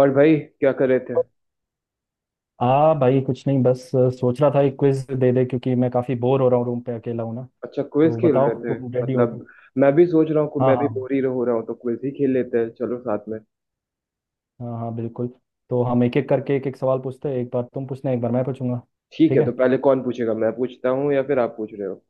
और भाई क्या कर रहे थे। हाँ भाई कुछ नहीं बस सोच रहा था एक क्विज दे दे क्योंकि मैं काफ़ी बोर हो रहा हूँ रूम पे अकेला हूँ ना। अच्छा क्विज तो खेल रहे बताओ थे तुम रेडी हो तो। मतलब। मैं भी सोच रहा हूँ कि हाँ मैं भी हाँ। बोर ही हो रहा हूँ तो क्विज ही खेल लेते हैं चलो साथ में। हाँ हाँ बिल्कुल। तो हम एक एक करके एक एक सवाल पूछते हैं, एक बार तुम पूछना एक बार मैं पूछूंगा। ठीक ठीक है तो है, पहले कौन पूछेगा, मैं पूछता हूँ या फिर आप पूछ रहे हो।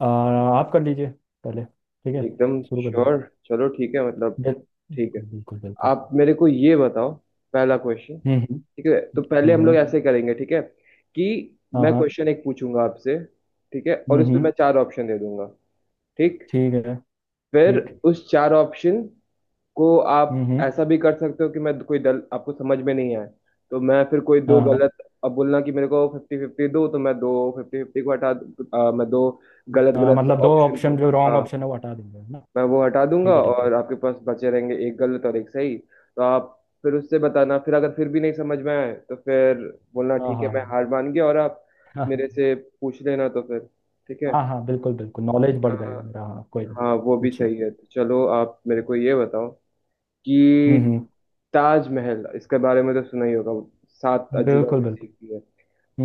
आप कर लीजिए। पहले ठीक है। एकदम शुरू कर दो। श्योर। चलो ठीक है मतलब। बिल- ठीक है, बिल्कुल बिल्कुल बिल्कुल। आप मेरे को ये बताओ पहला क्वेश्चन। हम्म। ठीक है तो पहले हम लोग हम्म। ऐसे करेंगे, ठीक है कि हाँ मैं हाँ। क्वेश्चन एक पूछूंगा आपसे। ठीक है और उस पे मैं हम्म। चार ऑप्शन दे दूंगा। ठीक। ठीक है फिर ठीक। उस चार ऑप्शन को आप हम्म। ऐसा भी कर सकते हो कि मैं कोई दल आपको समझ में नहीं आए तो मैं फिर कोई हाँ दो हाँ। गलत अब बोलना कि मेरे को फिफ्टी फिफ्टी दो, तो मैं दो फिफ्टी फिफ्टी को मैं दो गलत गलत मतलब दो ऑप्शन को। ऑप्शन जो रॉन्ग हाँ, ऑप्शन है वो हटा देंगे है ना। मैं वो हटा दूंगा ठीक है ठीक है। और आपके पास बचे रहेंगे एक गलत और एक सही, तो आप फिर उससे बताना। फिर अगर फिर भी नहीं समझ में आए तो फिर बोलना हाँ हाँ ठीक है मैं हाँ। हार मान गया और आप हाँ, मेरे हाँ। से पूछ लेना, तो फिर ठीक है। हाँ हाँ बिल्कुल बिल्कुल, नॉलेज बढ़ हाँ, जाएगा मेरा, हाँ कोई नहीं। हाँ, वो भी पूछिए। सही है। तो चलो आप मेरे को ये बताओ कि हम्म। ताजमहल, इसके बारे में तो सुना ही होगा, सात अजूबा बिल्कुल में से बिल्कुल। एक भी है।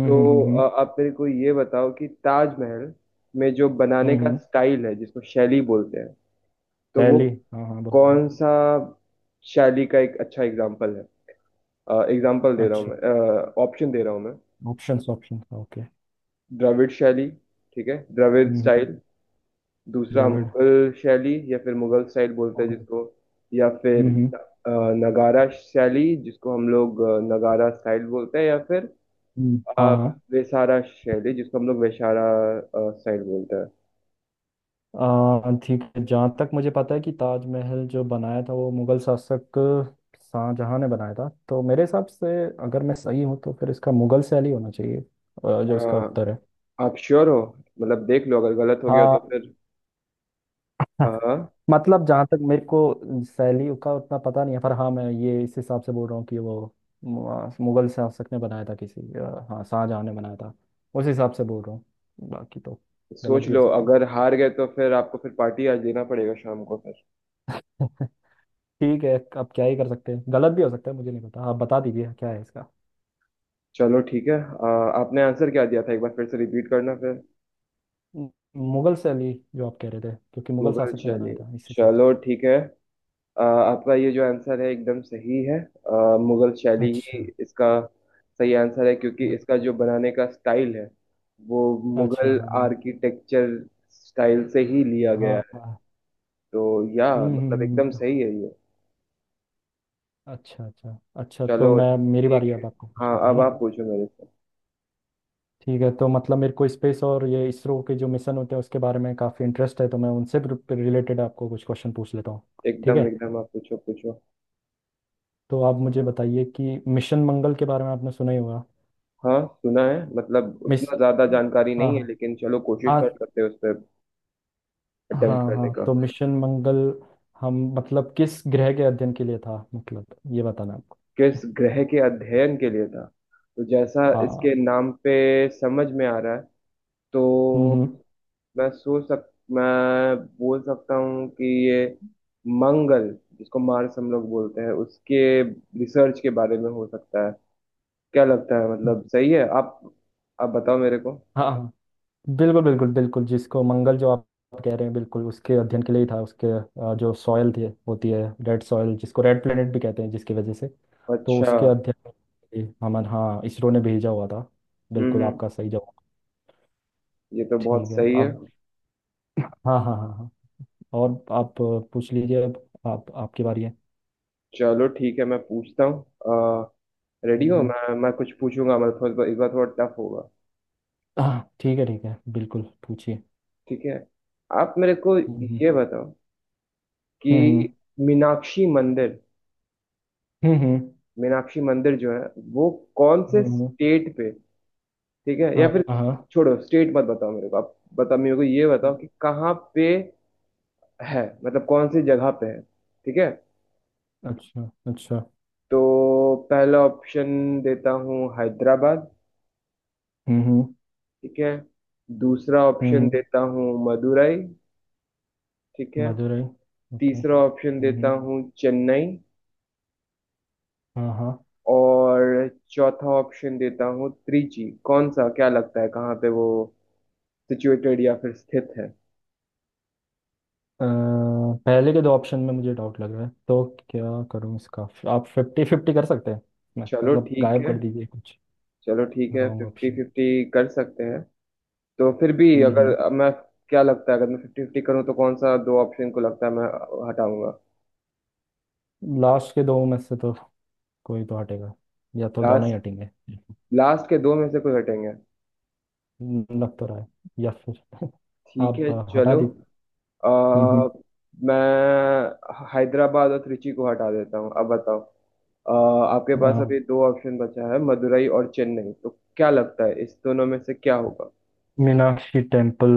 हम्म। आप मेरे को ये बताओ कि ताजमहल में जो बनाने का हम्म। स्टाइल है जिसको शैली बोलते हैं, तो वो पहली। हाँ हाँ बोलते हैं। कौन सा शैली का एक अच्छा एग्जाम्पल है। एग्जाम्पल दे रहा हूँ अच्छा। मैं, ऑप्शन दे रहा हूँ मैं। Options options, okay. द्रविड़ शैली, ठीक है द्रविड़ हम्म। स्टाइल। दूसरा द्रविड़। मुगल शैली या फिर मुगल स्टाइल बोलते हैं मुगल। जिसको, या फिर हम्म। अ, नगारा शैली जिसको हम लोग नगारा स्टाइल बोलते हैं, या फिर हाँ अ, हाँ। वेसारा शैली जिसको हम लोग वेशारा स्टाइल बोलते हैं। ठीक है, जहाँ तक मुझे पता है कि ताजमहल जो बनाया था वो मुगल शासक शाहजहां ने बनाया था, तो मेरे हिसाब से अगर मैं सही हूँ तो फिर इसका मुगल शैली होना चाहिए, अ, जो इसका उत्तर है। आप श्योर हो, मतलब देख लो अगर गलत हो गया हाँ तो फिर। हाँ। मतलब जहाँ तक मेरे को शैली का उतना पता नहीं है, पर हाँ, मैं ये इस हिसाब से बोल रहा हूँ कि वो मुगल शासक ने बनाया था किसी, हाँ शाहजहाँ ने बनाया था, उस हिसाब से बोल रहा हूँ। बाकी तो गलत सोच भी हो लो सकता अगर हार गए तो फिर आपको फिर पार्टी आज देना पड़ेगा शाम को फिर। है ठीक है, अब क्या ही कर सकते हैं, गलत भी हो सकता है, मुझे नहीं पता, आप बता दीजिए क्या है इसका। चलो ठीक है, आपने आंसर क्या दिया था एक बार फिर से रिपीट करना फिर। मु- मुगल शैली जो आप कह रहे थे, क्योंकि मुगल मुगल शासक ने शैली, बनाया था इस हिसाब से। चलो ठीक है। आपका ये जो आंसर है एकदम सही है। मुगल शैली अच्छा ही इसका सही आंसर है क्योंकि इसका अच्छा जो बनाने का स्टाइल है वो अच्छा। मुगल हाँ आर्किटेक्चर स्टाइल से ही लिया हाँ गया है। हाँ, हाँ। तो या हम्म हम्म, मतलब हम्म, एकदम हम्म। सही है ये। अच्छा अच्छा अच्छा, तो चलो मैं, मेरी ठीक बारी है। अब आपको हाँ, पूछने की है अब ना। आप पूछो मेरे से। ठीक है, तो मतलब मेरे को स्पेस और ये इसरो के जो मिशन होते हैं उसके बारे में काफ़ी इंटरेस्ट है, तो मैं उनसे रिलेटेड आपको कुछ क्वेश्चन पूछ लेता हूँ। ठीक है, एकदम एकदम आप पूछो पूछो। तो आप मुझे बताइए कि मिशन मंगल के बारे में आपने सुना ही होगा। हाँ सुना है, मतलब मिस उतना ज्यादा जानकारी हाँ नहीं है हाँ। लेकिन चलो कोशिश कर हाँ सकते हैं उस पर हाँ अटेम्प्ट हाँ। करने का। तो मिशन मंगल हम मतलब किस ग्रह के अध्ययन के लिए था, मतलब ये बताना आपको। किस ग्रह के अध्ययन के लिए था, तो जैसा हाँ। इसके नाम पे समझ में आ रहा है, हम्म तो हम्म। मैं सोच सक मैं बोल सकता हूँ कि ये मंगल, जिसको मार्स हम लोग बोलते हैं, उसके रिसर्च के बारे में हो सकता है। क्या लगता है, मतलब सही है आप बताओ मेरे को। हाँ हाँ। बिल्कुल बिल्कुल बिल्कुल, जिसको मंगल जो आप कह रहे हैं, बिल्कुल उसके अध्ययन के लिए ही था उसके, जो सॉयल थी, होती है, रेड सॉयल, जिसको रेड प्लेनेट भी कहते हैं, जिसकी वजह से तो अच्छा। उसके अध्ययन के लिए हमारे, हाँ, इसरो ने भेजा हुआ था। बिल्कुल हम्म। आपका सही जवाब। ये तो बहुत ठीक है सही है। अब। हाँ हाँ हाँ हाँ। और आप पूछ लीजिए अब। आप आपकी बारी है। चलो ठीक है मैं पूछता हूँ, रेडी हो, हम्म, मैं कुछ पूछूंगा मतलब थोड़ा इस बार थोड़ा टफ होगा। हाँ ठीक है बिल्कुल, पूछिए। ठीक है, आप मेरे को हम्म ये बताओ हम्म हम्म कि मीनाक्षी मंदिर, हम्म। मीनाक्षी मंदिर जो है वो कौन से हम्म। स्टेट पे, ठीक है, या हाँ फिर हाँ। छोड़ो स्टेट मत बताओ मेरे को, आप बताओ मेरे को, ये बताओ कि कहाँ पे है, मतलब कौन सी जगह पे है, ठीक है। अच्छा अच्छा। तो पहला ऑप्शन देता हूँ हैदराबाद, हम्म। ठीक है। दूसरा ऑप्शन हम्म। देता हूँ मदुरई, ठीक है। मदुरई। ओके। तीसरा ऑप्शन देता हम्म। हूँ चेन्नई, हाँ हाँ। और चौथा ऑप्शन देता हूँ त्रिची। कौन सा, क्या लगता है कहाँ पे वो सिचुएटेड या फिर स्थित है। अ, पहले के दो ऑप्शन में मुझे डाउट लग रहा है, तो क्या करूँ इसका। आप फिफ्टी फिफ्टी कर सकते हैं। मैं, चलो मतलब ठीक गायब है, कर दीजिए कुछ। चलो ठीक है रॉन्ग फिफ्टी ऑप्शन। फिफ्टी कर सकते हैं। तो फिर भी हम्म। अगर मैं, क्या लगता है अगर मैं फिफ्टी फिफ्टी करूँ तो कौन सा दो ऑप्शन को लगता है मैं हटाऊंगा। लास्ट के दो में से तो कोई तो हटेगा, या तो दोनों ही लास्ट, हटेंगे। लास्ट के दो में से कोई हटेंगे। लग तो रहा है, या फिर ठीक आप है हटा चलो, दी। अ, हम्म। मैं हैदराबाद और त्रिची को हटा देता हूँ। अब बताओ, आपके अ, पास अभी दो ऑप्शन बचा है मदुरई और चेन्नई, तो क्या लगता है इस दोनों में से क्या होगा। मीनाक्षी टेम्पल,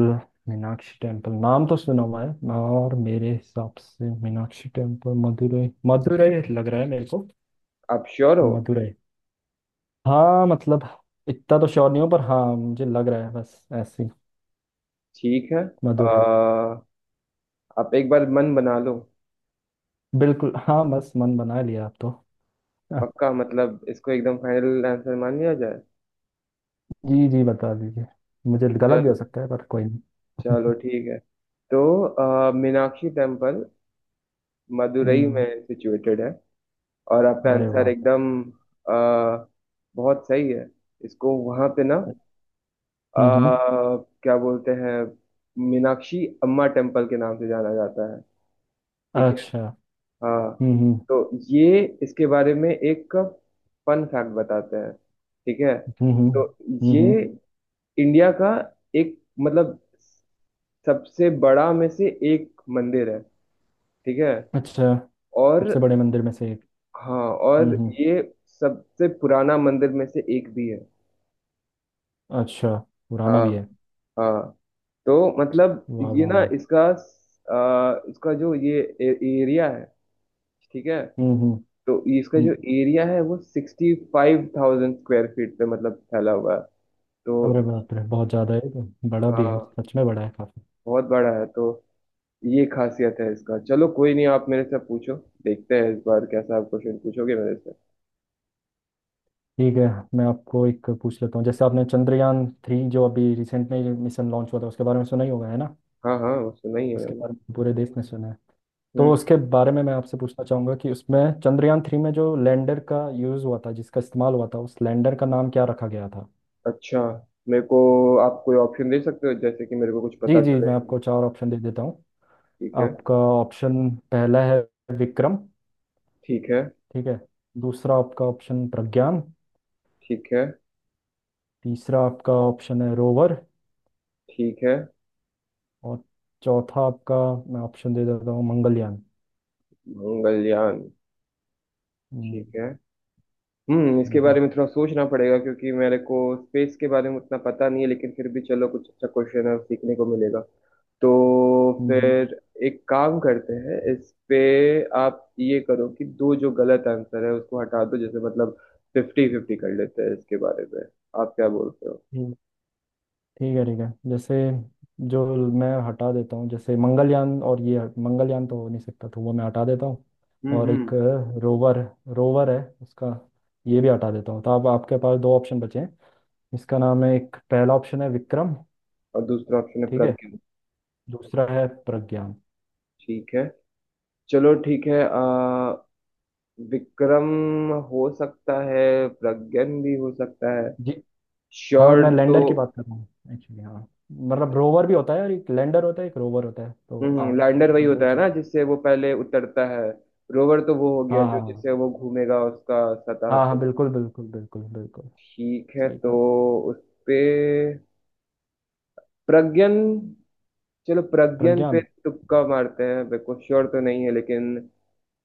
मीनाक्षी टेम्पल नाम तो सुना हुआ है, और मेरे हिसाब से मीनाक्षी टेम्पल मदुरई, मदुरई लग रहा है मेरे को। आप श्योर हो। मदुरई हाँ, मतलब इतना तो श्योर नहीं हूँ, पर हाँ, मुझे लग रहा है, बस ऐसे ही। ठीक है, अ, मदुरई। आप एक बार मन बना लो। बिल्कुल हाँ, बस मन बना लिया आप तो। हाँ। पक्का मतलब इसको एकदम फाइनल आंसर मान लिया जाए। जी जी बता दीजिए। मुझे गलत भी चल हो सकता है पर कोई नहीं। चलो ठीक है तो मीनाक्षी टेम्पल मदुरई हम्म। में सिचुएटेड है और आपका अरे आंसर वाह। एकदम अ, बहुत सही है। इसको वहां पे ना हम्म। आ, क्या बोलते हैं, मीनाक्षी अम्मा टेम्पल के नाम से जाना जाता है, ठीक है। अच्छा। हाँ। हम्म हम्म तो ये इसके बारे में एक फन फैक्ट बताते हैं, ठीक है। हम्म हम्म, तो ये हम्म। इंडिया का एक मतलब सबसे बड़ा में से एक मंदिर है, ठीक है। अच्छा। और सबसे बड़े मंदिर में से एक। हाँ और हम्म। ये सबसे पुराना मंदिर में से एक भी है। अच्छा। पुराना हाँ भी है। हाँ। तो मतलब वाह ये वाह ना वाह। इसका इसका जो ये एरिया है, ठीक है, हम्म हम्म तो इसका जो हम्म। एरिया है वो 65,000 स्क्वायर फीट पे मतलब फैला हुआ है। तो अरे बाप रे, बहुत ज़्यादा है ये तो, बड़ा भी है, हाँ सच में बड़ा है काफी। बहुत बड़ा है, तो ये खासियत है इसका। चलो कोई नहीं, आप मेरे से पूछो, देखते हैं इस बार कैसा आप क्वेश्चन पूछोगे मेरे से। ठीक है, मैं आपको एक पूछ लेता हूँ, जैसे आपने चंद्रयान थ्री जो अभी रिसेंट में मिशन लॉन्च हुआ था उसके बारे में सुना ही होगा है ना। हाँ हाँ वो सुना ही है उसके मैंने। बारे में पूरे देश ने सुना है। तो हम्म। उसके बारे में मैं आपसे पूछना चाहूँगा कि उसमें चंद्रयान थ्री में जो लैंडर का यूज़ हुआ था, जिसका इस्तेमाल हुआ था, उस लैंडर का नाम क्या रखा गया था। अच्छा, मेरे को आप कोई ऑप्शन दे सकते हो जैसे कि मेरे को कुछ जी पता जी चले। मैं आपको चार ऑप्शन दे देता हूँ। ठीक है। आपका ऑप्शन पहला है विक्रम। ठीक है। ठीक है। दूसरा आपका ऑप्शन प्रज्ञान। ठीक है। तीसरा आपका ऑप्शन है रोवर। ठीक है। और चौथा आपका, मैं ऑप्शन दे देता हूँ, मंगलयान। मंगलयान, ठीक है। हम्म, इसके बारे हम्म, में थोड़ा सोचना पड़ेगा क्योंकि मेरे को स्पेस के बारे में उतना पता नहीं है, लेकिन फिर भी चलो कुछ अच्छा क्वेश्चन है सीखने को मिलेगा। तो हम्म। फिर एक काम करते हैं इस पे, आप ये करो कि दो जो गलत आंसर है उसको हटा दो, जैसे मतलब फिफ्टी फिफ्टी कर लेते हैं इसके बारे में, आप क्या बोलते हो। ठीक। ठीक है ठीक है। जैसे जो मैं हटा देता हूँ, जैसे मंगलयान और ये मंगलयान तो हो नहीं सकता, तो वो मैं हटा देता हूँ। और हम्म। एक रोवर, रोवर है उसका, ये भी हटा देता हूँ। तो अब आपके पास दो ऑप्शन बचे हैं। इसका नाम है, एक पहला ऑप्शन है विक्रम। और दूसरा ऑप्शन है ठीक है। प्रज्ञा। दूसरा है प्रज्ञान। ठीक है। चलो ठीक है आ, विक्रम हो सकता है, प्रज्ञन भी हो सकता है। जी। हाँ श्योर मैं तो। लैंडर की बात कर रहा हूँ, एक्चुअली। हाँ, मतलब रोवर भी होता है, और एक लैंडर होता है, एक रोवर होता है, तो हम्म, आप लैंडर वही दो होता है चीज। ना जिससे वो पहले उतरता है, रोवर तो वो हो गया हाँ जो हाँ हाँ। जिससे वो घूमेगा उसका सतह हाँ हाँ पे। बिल्कुल बिल्कुल बिल्कुल बिल्कुल। ठीक है सही तो कहा। उस पे प्रज्ञन, चलो प्रज्ञन पे प्रज्ञान। तुक्का मारते हैं, मेरे को श्योर तो नहीं है लेकिन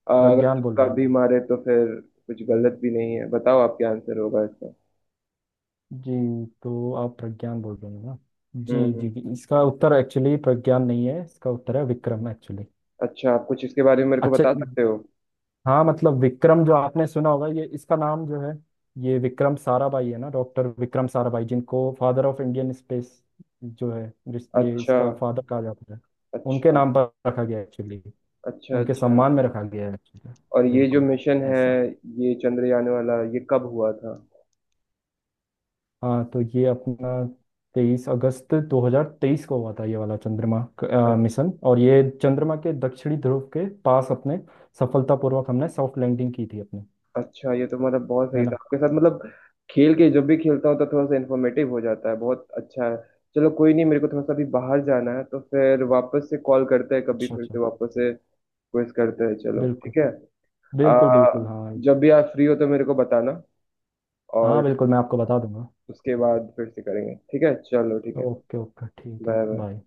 अगर प्रज्ञान बोल तुक्का रहे हैं आप। भी मारे तो फिर कुछ गलत भी नहीं है, बताओ आप क्या आंसर होगा इसका। जी तो आप प्रज्ञान बोल रहे हैं ना। हम्म जी जी हम्म। जी, इसका उत्तर एक्चुअली प्रज्ञान नहीं है, इसका उत्तर है विक्रम एक्चुअली। अच्छा, आप कुछ इसके बारे में मेरे को अच्छा। बता सकते हो। हाँ, मतलब विक्रम जो आपने सुना होगा, ये इसका नाम जो है, ये विक्रम साराभाई है ना, डॉक्टर विक्रम साराभाई, जिनको फादर ऑफ इंडियन स्पेस जो है, जिस ये अच्छा। इसका फादर कहा जाता है, उनके अच्छा नाम पर रखा गया एक्चुअली, अच्छा उनके अच्छा। सम्मान में रखा गया है actually। और ये जो बिल्कुल मिशन है, ऐसा। ये चंद्रयान वाला ये कब हुआ था। हाँ तो ये अपना तेईस अगस्त 2023 को हुआ था, ये वाला चंद्रमा अ- मिशन, और ये चंद्रमा के दक्षिणी ध्रुव के पास अपने सफलतापूर्वक हमने सॉफ्ट लैंडिंग की थी अपने। अच्छा ये तो मतलब बहुत है सही था ना। आपके साथ, मतलब खेल के जब भी खेलता हूँ तो थोड़ा सा इन्फॉर्मेटिव हो जाता है, बहुत अच्छा है। चलो कोई नहीं, मेरे को थोड़ा सा अभी बाहर जाना है, तो फिर वापस से कॉल करते हैं, कभी अच्छा फिर से अच्छा। वापस से क्विज करते हैं, चलो बिल्कुल ठीक है। बिल्कुल आ, बिल्कुल। हाँ, जब भी आप फ्री हो तो मेरे को बताना हाँ, और बिल्कुल, मैं आपको बता दूंगा। उसके बाद फिर से करेंगे, ठीक है चलो ठीक है। ओके ओके ठीक है, बाय बाय। बाय।